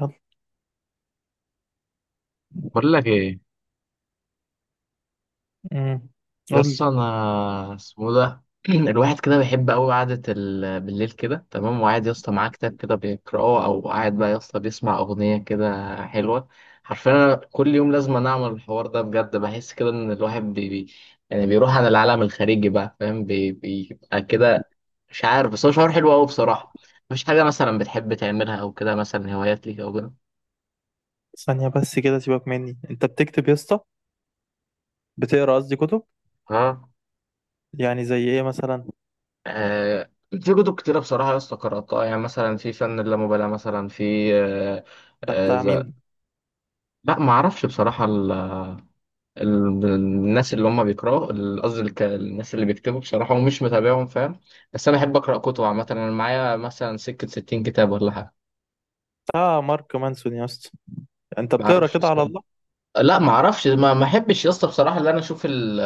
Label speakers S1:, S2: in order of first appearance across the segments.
S1: يلا.
S2: بقول لك ايه؟
S1: امم قول
S2: يس
S1: لي.
S2: انا اسمه ده. الواحد كده بيحب قوي قعده بالليل كده، تمام، وقاعد يا اسطى معاه كتاب كده بيقراه، او قاعد بقى يا اسطى بيسمع اغنيه كده حلوه. حرفيا أنا كل يوم لازم أنا اعمل الحوار ده، بجد بحس كده ان الواحد يعني بيروح عن العالم الخارجي بقى، فاهم؟ بيبقى كده. مش عارف، بس هو شعور حلو قوي بصراحه. مفيش حاجه مثلا بتحب تعملها او كده، مثلا هوايات ليك او كده؟
S1: ثانية بس كده، سيبك مني. انت بتكتب يا اسطى؟ بتقرا قصدي، كتب؟
S2: ها؟
S1: يعني زي ايه مثلا؟
S2: في كتب كتيرة بصراحة يا اسطى قرأتها، يعني مثلا في فن اللامبالاة، مثلا في
S1: ده
S2: آه،
S1: بتاع
S2: ز-
S1: مين؟
S2: لا ما أعرفش بصراحة الناس اللي هم بيقرأوا الناس اللي بيكتبوا بصراحة، ومش متابعهم، فاهم؟ بس أنا أحب أقرأ كتب عامة، أنا معايا مثلا سكة 60 كتاب ولا حاجة.
S1: بتاع مارك مانسون يا اسطى؟ انت
S2: ما
S1: بتقرا
S2: أعرفش
S1: كده على
S2: اسمهم.
S1: الله؟
S2: لا ما أعرفش، ما أحبش يا اسطى بصراحة إن أنا أشوف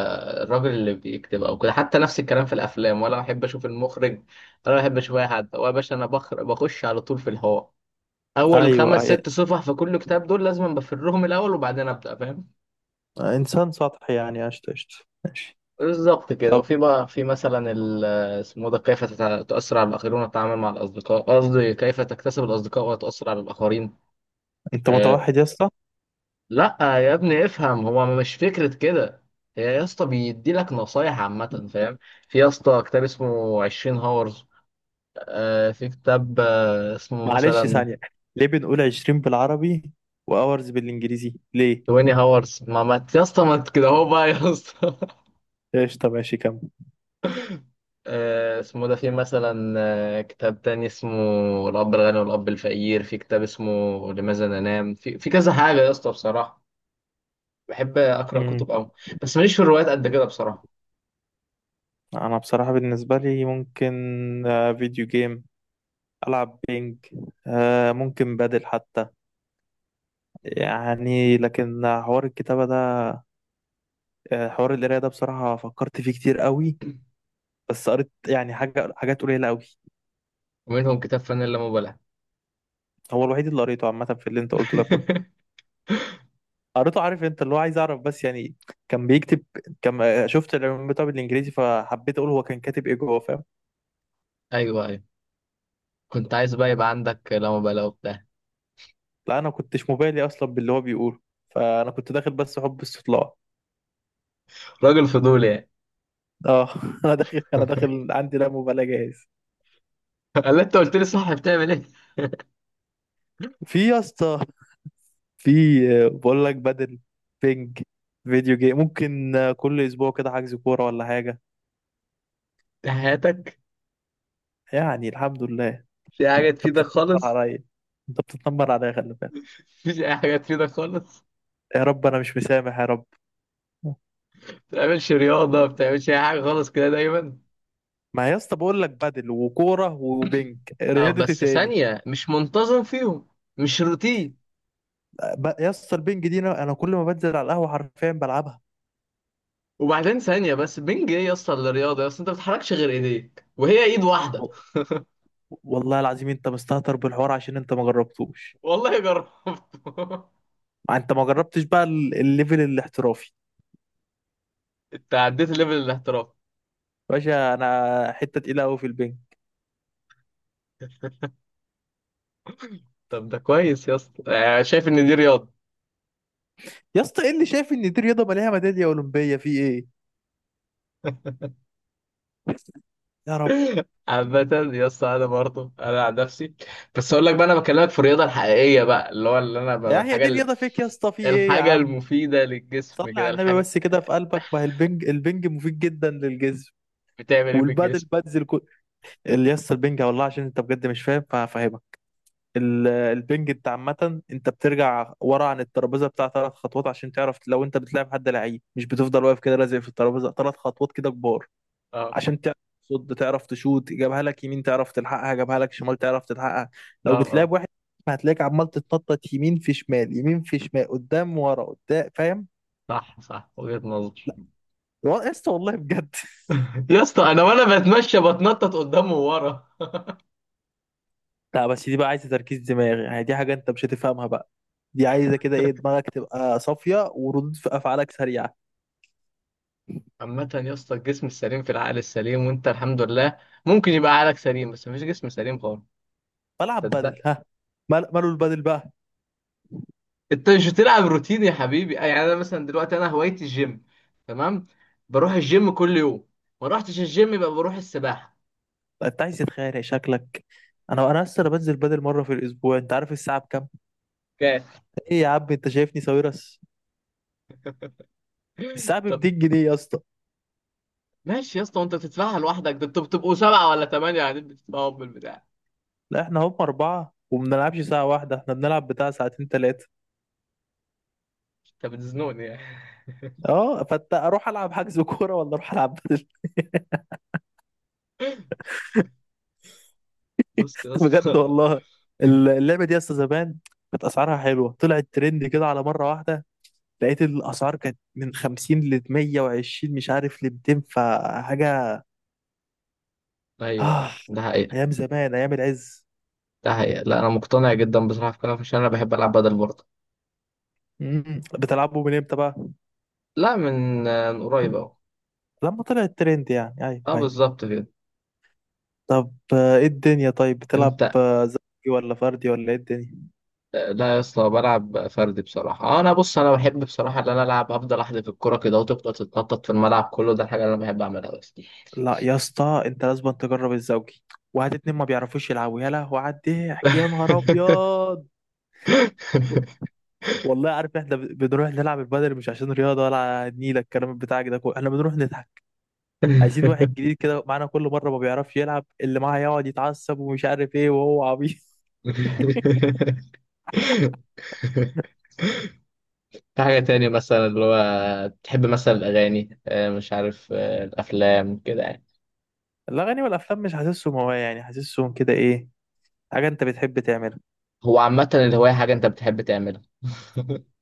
S2: الراجل اللي بيكتب أو كده، حتى نفس الكلام في الأفلام ولا أحب أشوف المخرج، ولا أحب أشوف أي حد. هو يا باشا أنا بخش على طول في الهواء. اول
S1: ايوه،
S2: خمس ست صفح في كل كتاب دول لازم بفرهم الاول، وبعدين ابدا، فاهم؟
S1: انسان سطحي يعني، قشطة قشطة، ماشي.
S2: بالظبط كده.
S1: طب
S2: وفي بقى في مثلا اسمه ده، كيف تؤثر على الاخرين وتتعامل مع الاصدقاء، قصدي كيف تكتسب الاصدقاء وتؤثر على الاخرين.
S1: انت
S2: أه.
S1: متوحد يا اسطى؟
S2: لا يا ابني افهم، هو مش فكره كده، هي يا اسطى بيدي لك نصايح عامه، فاهم؟ في يا اسطى كتاب اسمه 20 هاورز. أه في كتاب أه اسمه
S1: معلش
S2: مثلا
S1: ثانية، ليه بنقول 20 بالعربي واورز بالانجليزي ليه؟
S2: 20 هاورز، ما يا اسطى، ما انت كده اهو بقى يا اسطى.
S1: قشطة ماشي، كمل.
S2: اسمه ده. في مثلا كتاب تاني اسمه الأب الغني والأب الفقير. في كتاب اسمه لماذا ننام. في كذا حاجة يا اسطى بصراحة، بحب أقرأ
S1: امم
S2: كتب أوي، بس ماليش في الروايات قد كده بصراحة.
S1: انا بصراحة بالنسبة لي ممكن، فيديو جيم، العب بينج، ممكن بدل حتى، يعني. لكن حوار الكتابة ده، حوار القراية ده بصراحة فكرت فيه كتير قوي، بس قريت يعني حاجات قليلة قوي.
S2: ومنهم كتاب فن اللامبالاة.
S1: هو الوحيد اللي قريته عامة في اللي انت قلته ده كله. قريته، عارف، انت اللي هو عايز اعرف، بس يعني كان بيكتب، كان شفت العنوان بتاعه بالانجليزي، فحبيت اقول هو كان كاتب ايه جوه، فاهم؟
S2: أيوه أيوه، كنت عايز بقى يبقى عندك لامبالاة وبتاع.
S1: لا انا كنتش مبالي اصلا باللي هو بيقوله، فانا كنت داخل بس حب استطلاع.
S2: راجل فضولي يعني.
S1: اه. انا داخل، عندي لا مبالاة جاهز.
S2: قال لي، أنت قلت لي صح، بتعمل إيه؟
S1: في يا اسطى، في، بقول لك بدل، بينج، فيديو جيم، ممكن، كل اسبوع كده حجز كوره ولا حاجه.
S2: في حياتك؟
S1: يعني الحمد لله.
S2: في حاجة
S1: انت
S2: تفيدك
S1: بتتنمر
S2: خالص؟
S1: عليا، انت بتتنمر عليا خلي بالك.
S2: مفيش أي حاجة تفيدك خالص،
S1: يا رب انا مش مسامح يا رب.
S2: ما بتعملش رياضة، ما بتعملش أي حاجة خالص كده دايما.
S1: ما يا اسطى بقول لك بدل وكوره وبينج،
S2: اه
S1: رياضه إيه
S2: بس
S1: تاني؟
S2: ثانية، مش منتظم فيهم، مش روتين.
S1: يا اسطى، البينج دي انا، كل ما بنزل على القهوه حرفيا بلعبها.
S2: وبعدين ثانية بس، بنج ايه يا اسطى اللي رياضة؟ يا اسطى انت ما بتحركش غير ايديك، وهي ايد واحدة.
S1: و- والله العظيم انت مستهتر بالحوار عشان انت ما جربتوش.
S2: والله جربت.
S1: انت ما جربتش بقى الليفل الاحترافي.
S2: انت عديت ليفل الاحتراف؟
S1: باشا، انا حته تقيله قوي في البينج.
S2: طب ده كويس يا اسطى، يعني شايف ان دي رياضة.
S1: يا اسطى ايه اللي شايف ان دي رياضه؟ مالها ميداليه اولمبيه في ايه؟ يا رب.
S2: عامة يا اسطى انا برضه انا عن نفسي، بس اقول لك بقى، انا بكلمك في الرياضة الحقيقية بقى، اللي هو اللي انا بقى
S1: يا، هي
S2: الحاجة
S1: دي
S2: اللي
S1: رياضه فيك يا اسطى، في ايه يا
S2: الحاجة
S1: عم؟
S2: المفيدة للجسم
S1: صلي
S2: كده،
S1: على النبي
S2: الحاجة.
S1: بس كده في قلبك. ما هي البنج، البنج مفيد جدا للجسم.
S2: بتعمل ايه في
S1: والبادل
S2: الجسم؟
S1: بادز كل. اللي يسطا، البنج والله عشان انت بجد مش فاهم فهفهمك. البنج، انت عامة، انت بترجع ورا عن الترابيزة بتاع ثلاث خطوات عشان تعرف، لو انت بتلعب حد لعيب مش بتفضل واقف كده لازق في الترابيزة، ثلاث خطوات كده كبار
S2: اه.
S1: عشان تعرف تصد، تعرف تشوت. جابها لك يمين تعرف تلحقها، جابها لك شمال تعرف تلحقها. لو
S2: اه اه،
S1: بتلعب واحد، هتلاقيك عمال تتنطط يمين في شمال، يمين في شمال، قدام ورا قدام، فاهم؟
S2: صح صح، وجهة نظر.
S1: والله يا اسطى، والله بجد.
S2: يا اسطى انا وانا بتمشى بتنطط قدام وورا.
S1: لا بس دي بقى عايزه تركيز دماغي، يعني دي حاجه انت مش هتفهمها بقى. دي عايزه كده، ايه، دماغك تبقى صافيه وردود في افعالك سريعه.
S2: عامة يا اسطى الجسم السليم في العقل السليم، وانت الحمد لله ممكن يبقى عقلك سليم، بس مفيش جسم سليم خالص.
S1: بلعب
S2: صدق.
S1: بدل، ها. ماله البدل بقى؟
S2: انت مش بتلعب روتين يا حبيبي، يعني انا مثلا دلوقتي انا هوايتي الجيم، تمام؟ بروح الجيم كل يوم، ما روحتش الجيم يبقى بروح السباحة.
S1: انت عايز تتخانق شكلك. انا، اصلا بنزل بدل مره في الاسبوع، انت عارف الساعه بكام؟
S2: اوكي.
S1: ايه يا عم، انت شايفني ساويرس؟ الساعه ب
S2: طب
S1: 200 جنيه يا اسطى.
S2: ماشي يا اسطى، وانت بتدفعها لوحدك؟ ده انتوا بتبقوا سبعة ولا ثمانية قاعدين بتدفعوا بالبتاع.
S1: لا احنا هم اربعه، ومبنلعبش ساعه واحده، احنا بنلعب بتاع ساعتين ثلاثه.
S2: انت بتزنوني يعني.
S1: اه، فانت، اروح العب حجز كوره ولا اروح العب بدل؟
S2: بص يا
S1: بجد
S2: اسطى.
S1: والله. اللعبه دي اصلا زمان كانت اسعارها حلوه، طلعت ترند كده على مره واحده، لقيت الاسعار كانت من 50 ل 120، مش عارف ل 200 فحاجه.
S2: ايوه
S1: آه.
S2: ايوه ده حقيقة.
S1: ايام زمان، ايام العز.
S2: ده حقيقة، لا أنا مقتنع جدا بصراحة في كلامك، عشان أنا بحب ألعب بدل برضه.
S1: بتلعبوا من امتى بقى؟
S2: لا من من قريب أهو.
S1: لما طلعت ترند يعني، ايوه
S2: أه
S1: ايوه.
S2: بالظبط كده.
S1: طب ايه الدنيا؟ طيب بتلعب
S2: أنت.
S1: زوجي ولا فردي ولا ايه الدنيا؟
S2: لا يا اسطى بلعب فردي بصراحة، أه أنا بص، أنا بحب بصراحة إن أنا ألعب، أفضل أحدف الكرة كده، وتفضل تتنطط في الملعب كله، ده الحاجة اللي أنا بحب أعملها بس.
S1: لا يا اسطى، انت لازم تجرب الزوجي. وهات اتنين ما بيعرفوش يلعبوا، يا لهوي على الضحك، يا نهار ابيض. والله، عارف احنا بنروح نلعب البدل مش عشان رياضه ولا نيلة الكلام بتاعك ده كله، احنا بنروح نضحك. عايزين واحد جديد كده معانا كل مره ما بيعرفش يلعب، اللي معاه يقعد يتعصب ومش عارف ايه وهو عبيط.
S2: في حاجة تاني مثلا اللي هو تحب، مثلا الأغاني، مش عارف، الأفلام كده يعني.
S1: الاغاني والافلام مش حاسسهم هوايه يعني، حاسسهم كده، ايه، حاجه انت بتحب تعملها.
S2: هو عامة الهواية حاجة أنت بتحب تعملها.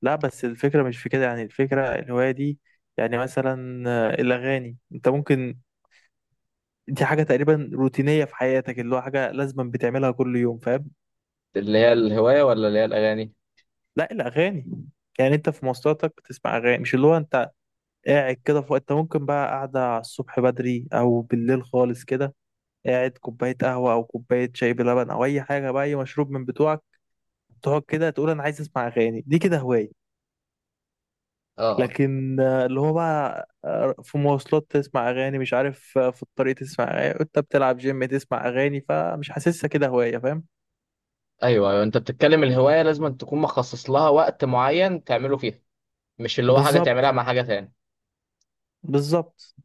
S1: لا بس الفكره مش في كده، يعني الفكره، الهوايه دي يعني، مثلا الاغاني، انت ممكن، دي حاجة تقريبا روتينية في حياتك، اللي هو حاجة لازما بتعملها كل يوم، فاهم؟
S2: اللي هي الهواية ولا اللي هي الأغاني؟
S1: لا، الأغاني، يعني انت في مواصلاتك بتسمع أغاني، مش اللي هو انت قاعد كده في وقت انت ممكن بقى قاعدة على الصبح بدري أو بالليل خالص كده، قاعد كوباية قهوة أو كوباية شاي بلبن أو أي حاجة بقى، أي مشروب من بتوعك، تقعد كده تقول أنا عايز أسمع أغاني، دي كده هواية.
S2: اه اه.
S1: لكن اللي هو بقى، في مواصلات تسمع أغاني، مش عارف، في الطريق تسمع أغاني، انت بتلعب جيم تسمع أغاني، فمش حاسسها كده هواية، فاهم؟
S2: أيوه أيوه، أنت بتتكلم الهواية لازم أن تكون مخصص لها وقت معين تعمله فيها، مش اللي هو حاجة
S1: بالظبط،
S2: تعملها مع حاجة تاني.
S1: بالظبط.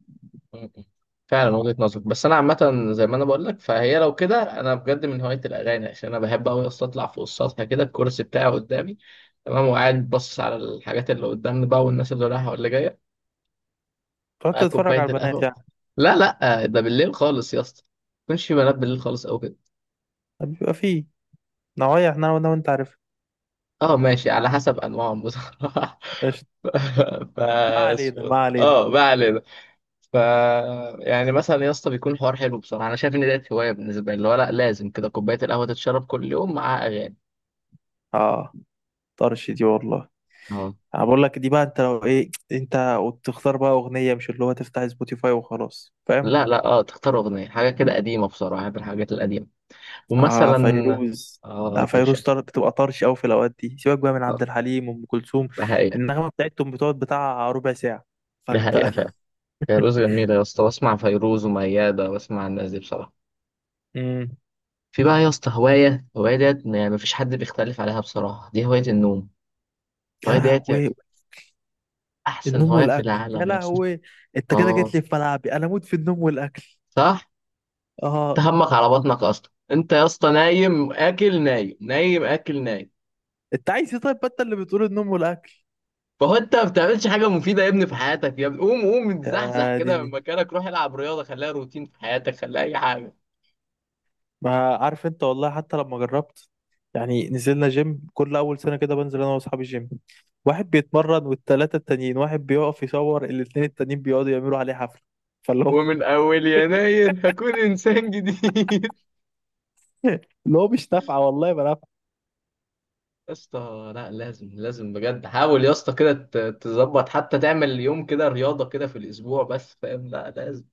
S2: م- م. فعلا وجهة نظرك، بس أنا عامة زي ما أنا بقول لك، فهي لو كده أنا بجد من هواية الأغاني، عشان أنا بحب أوي أصلا أطلع فوق السطح كده، الكرسي بتاعي قدامي، تمام، وقاعد باصص على الحاجات اللي قدامنا بقى، والناس اللي رايحة واللي جاية،
S1: تقعد
S2: مع
S1: تتفرج على
S2: كوباية
S1: البنات
S2: القهوة.
S1: يعني؟
S2: لا لا، ده بالليل خالص يا اسطى، ما يكونش في بنات بالليل خالص أو كده.
S1: بيبقى فيه نوايا، احنا انا وانت عارف.
S2: أه ماشي، على حسب أنواعهم بصراحة.
S1: قشطة.
S2: ف،
S1: ما علينا ما علينا.
S2: اه ما علينا. ف، يعني مثلا يا اسطى بيكون الحوار حلو بصراحه، انا شايف ان ديت هوايه بالنسبه لي، اللي هو لا لازم كده كوبايه القهوه تتشرب كل يوم مع اغاني.
S1: اه، طرش دي والله.
S2: اه.
S1: انا بقول لك، دي بقى انت لو ايه، انت وتختار بقى اغنية، مش اللي هو تفتح سبوتيفاي وخلاص، فاهم؟
S2: لا لا، اه تختار اغنيه حاجه كده قديمه بصراحه، بحب الحاجات القديمه.
S1: اه،
S2: ومثلا.
S1: فيروز.
S2: اه يا
S1: لا، فيروز
S2: باشا.
S1: بتبقى طرش قوي في الاوقات دي، سيبك بقى من عبد
S2: اه،
S1: الحليم وام كلثوم،
S2: ده حقيقه.
S1: النغمة بتاعتهم بتقعد بتاع ربع ساعة،
S2: ده حقيقه
S1: فانت.
S2: فعلا، فيروز جميله يا اسطى، بسمع فيروز ومياده، بسمع الناس دي بصراحه.
S1: امم
S2: في بقى يا اسطى هوايه، هوايه ديت ما فيش حد بيختلف عليها بصراحه، دي هوايه النوم.
S1: يا
S2: هوايه ديت
S1: لهوي،
S2: احسن
S1: النوم
S2: هوايه في
S1: والاكل يا
S2: العالم يا اسطى.
S1: لهوي. انت كده جيت
S2: اه.
S1: لي في ملعبي، انا اموت في النوم والاكل.
S2: صح.
S1: اه.
S2: تهمك على بطنك اصلا انت يا اسطى، نايم اكل نايم، نايم اكل نايم.
S1: انت عايز ايه طيب؟ ما انت اللي بتقول النوم والاكل.
S2: فهو انت ما بتعملش حاجه مفيده يا ابني في حياتك، يا ابني قوم قوم اتزحزح
S1: يا
S2: كده من
S1: ديني،
S2: مكانك، روح العب رياضه، خليها روتين في حياتك، خليها اي حاجه.
S1: ما عارف انت، والله حتى لما جربت، يعني نزلنا جيم. كل اول سنه كده بنزل انا واصحابي جيم، واحد بيتمرن والتلاته التانيين، واحد بيقف يصور، الاتنين التانيين بيقعدوا يعملوا عليه حفله، فاللي هو.
S2: ومن اول يناير هكون انسان جديد.
S1: اللي هو مش نافعه، والله ما نافعه.
S2: يا اسطى لا لازم لازم بجد، حاول يا اسطى كده تظبط، حتى تعمل يوم كده رياضه كده في الاسبوع بس، فاهم؟ لا لازم،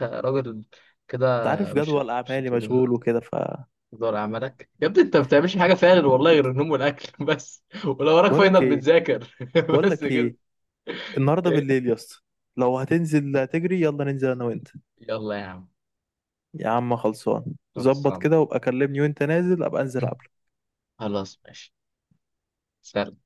S2: انت راجل كده.
S1: انت عارف
S2: مش
S1: جدول
S2: مش
S1: اعمالي
S2: هتقول،
S1: مشغول وكده، ف،
S2: دور عملك يا ابني، انت ما بتعملش حاجه فيها غير والله غير النوم والاكل. بس، ولو وراك
S1: بقول لك
S2: فاينل
S1: ايه،
S2: بتذاكر.
S1: بقول
S2: بس
S1: لك
S2: كده.
S1: ايه، النهارده بالليل يا اسطى لو هتنزل تجري، يلا ننزل انا وانت.
S2: يلا يا عم.
S1: يا عم خلصان. ظبط
S2: خلصان.
S1: كده وابقى كلمني وانت نازل، ابقى انزل قبلك.
S2: خلاص ماشي. سلام.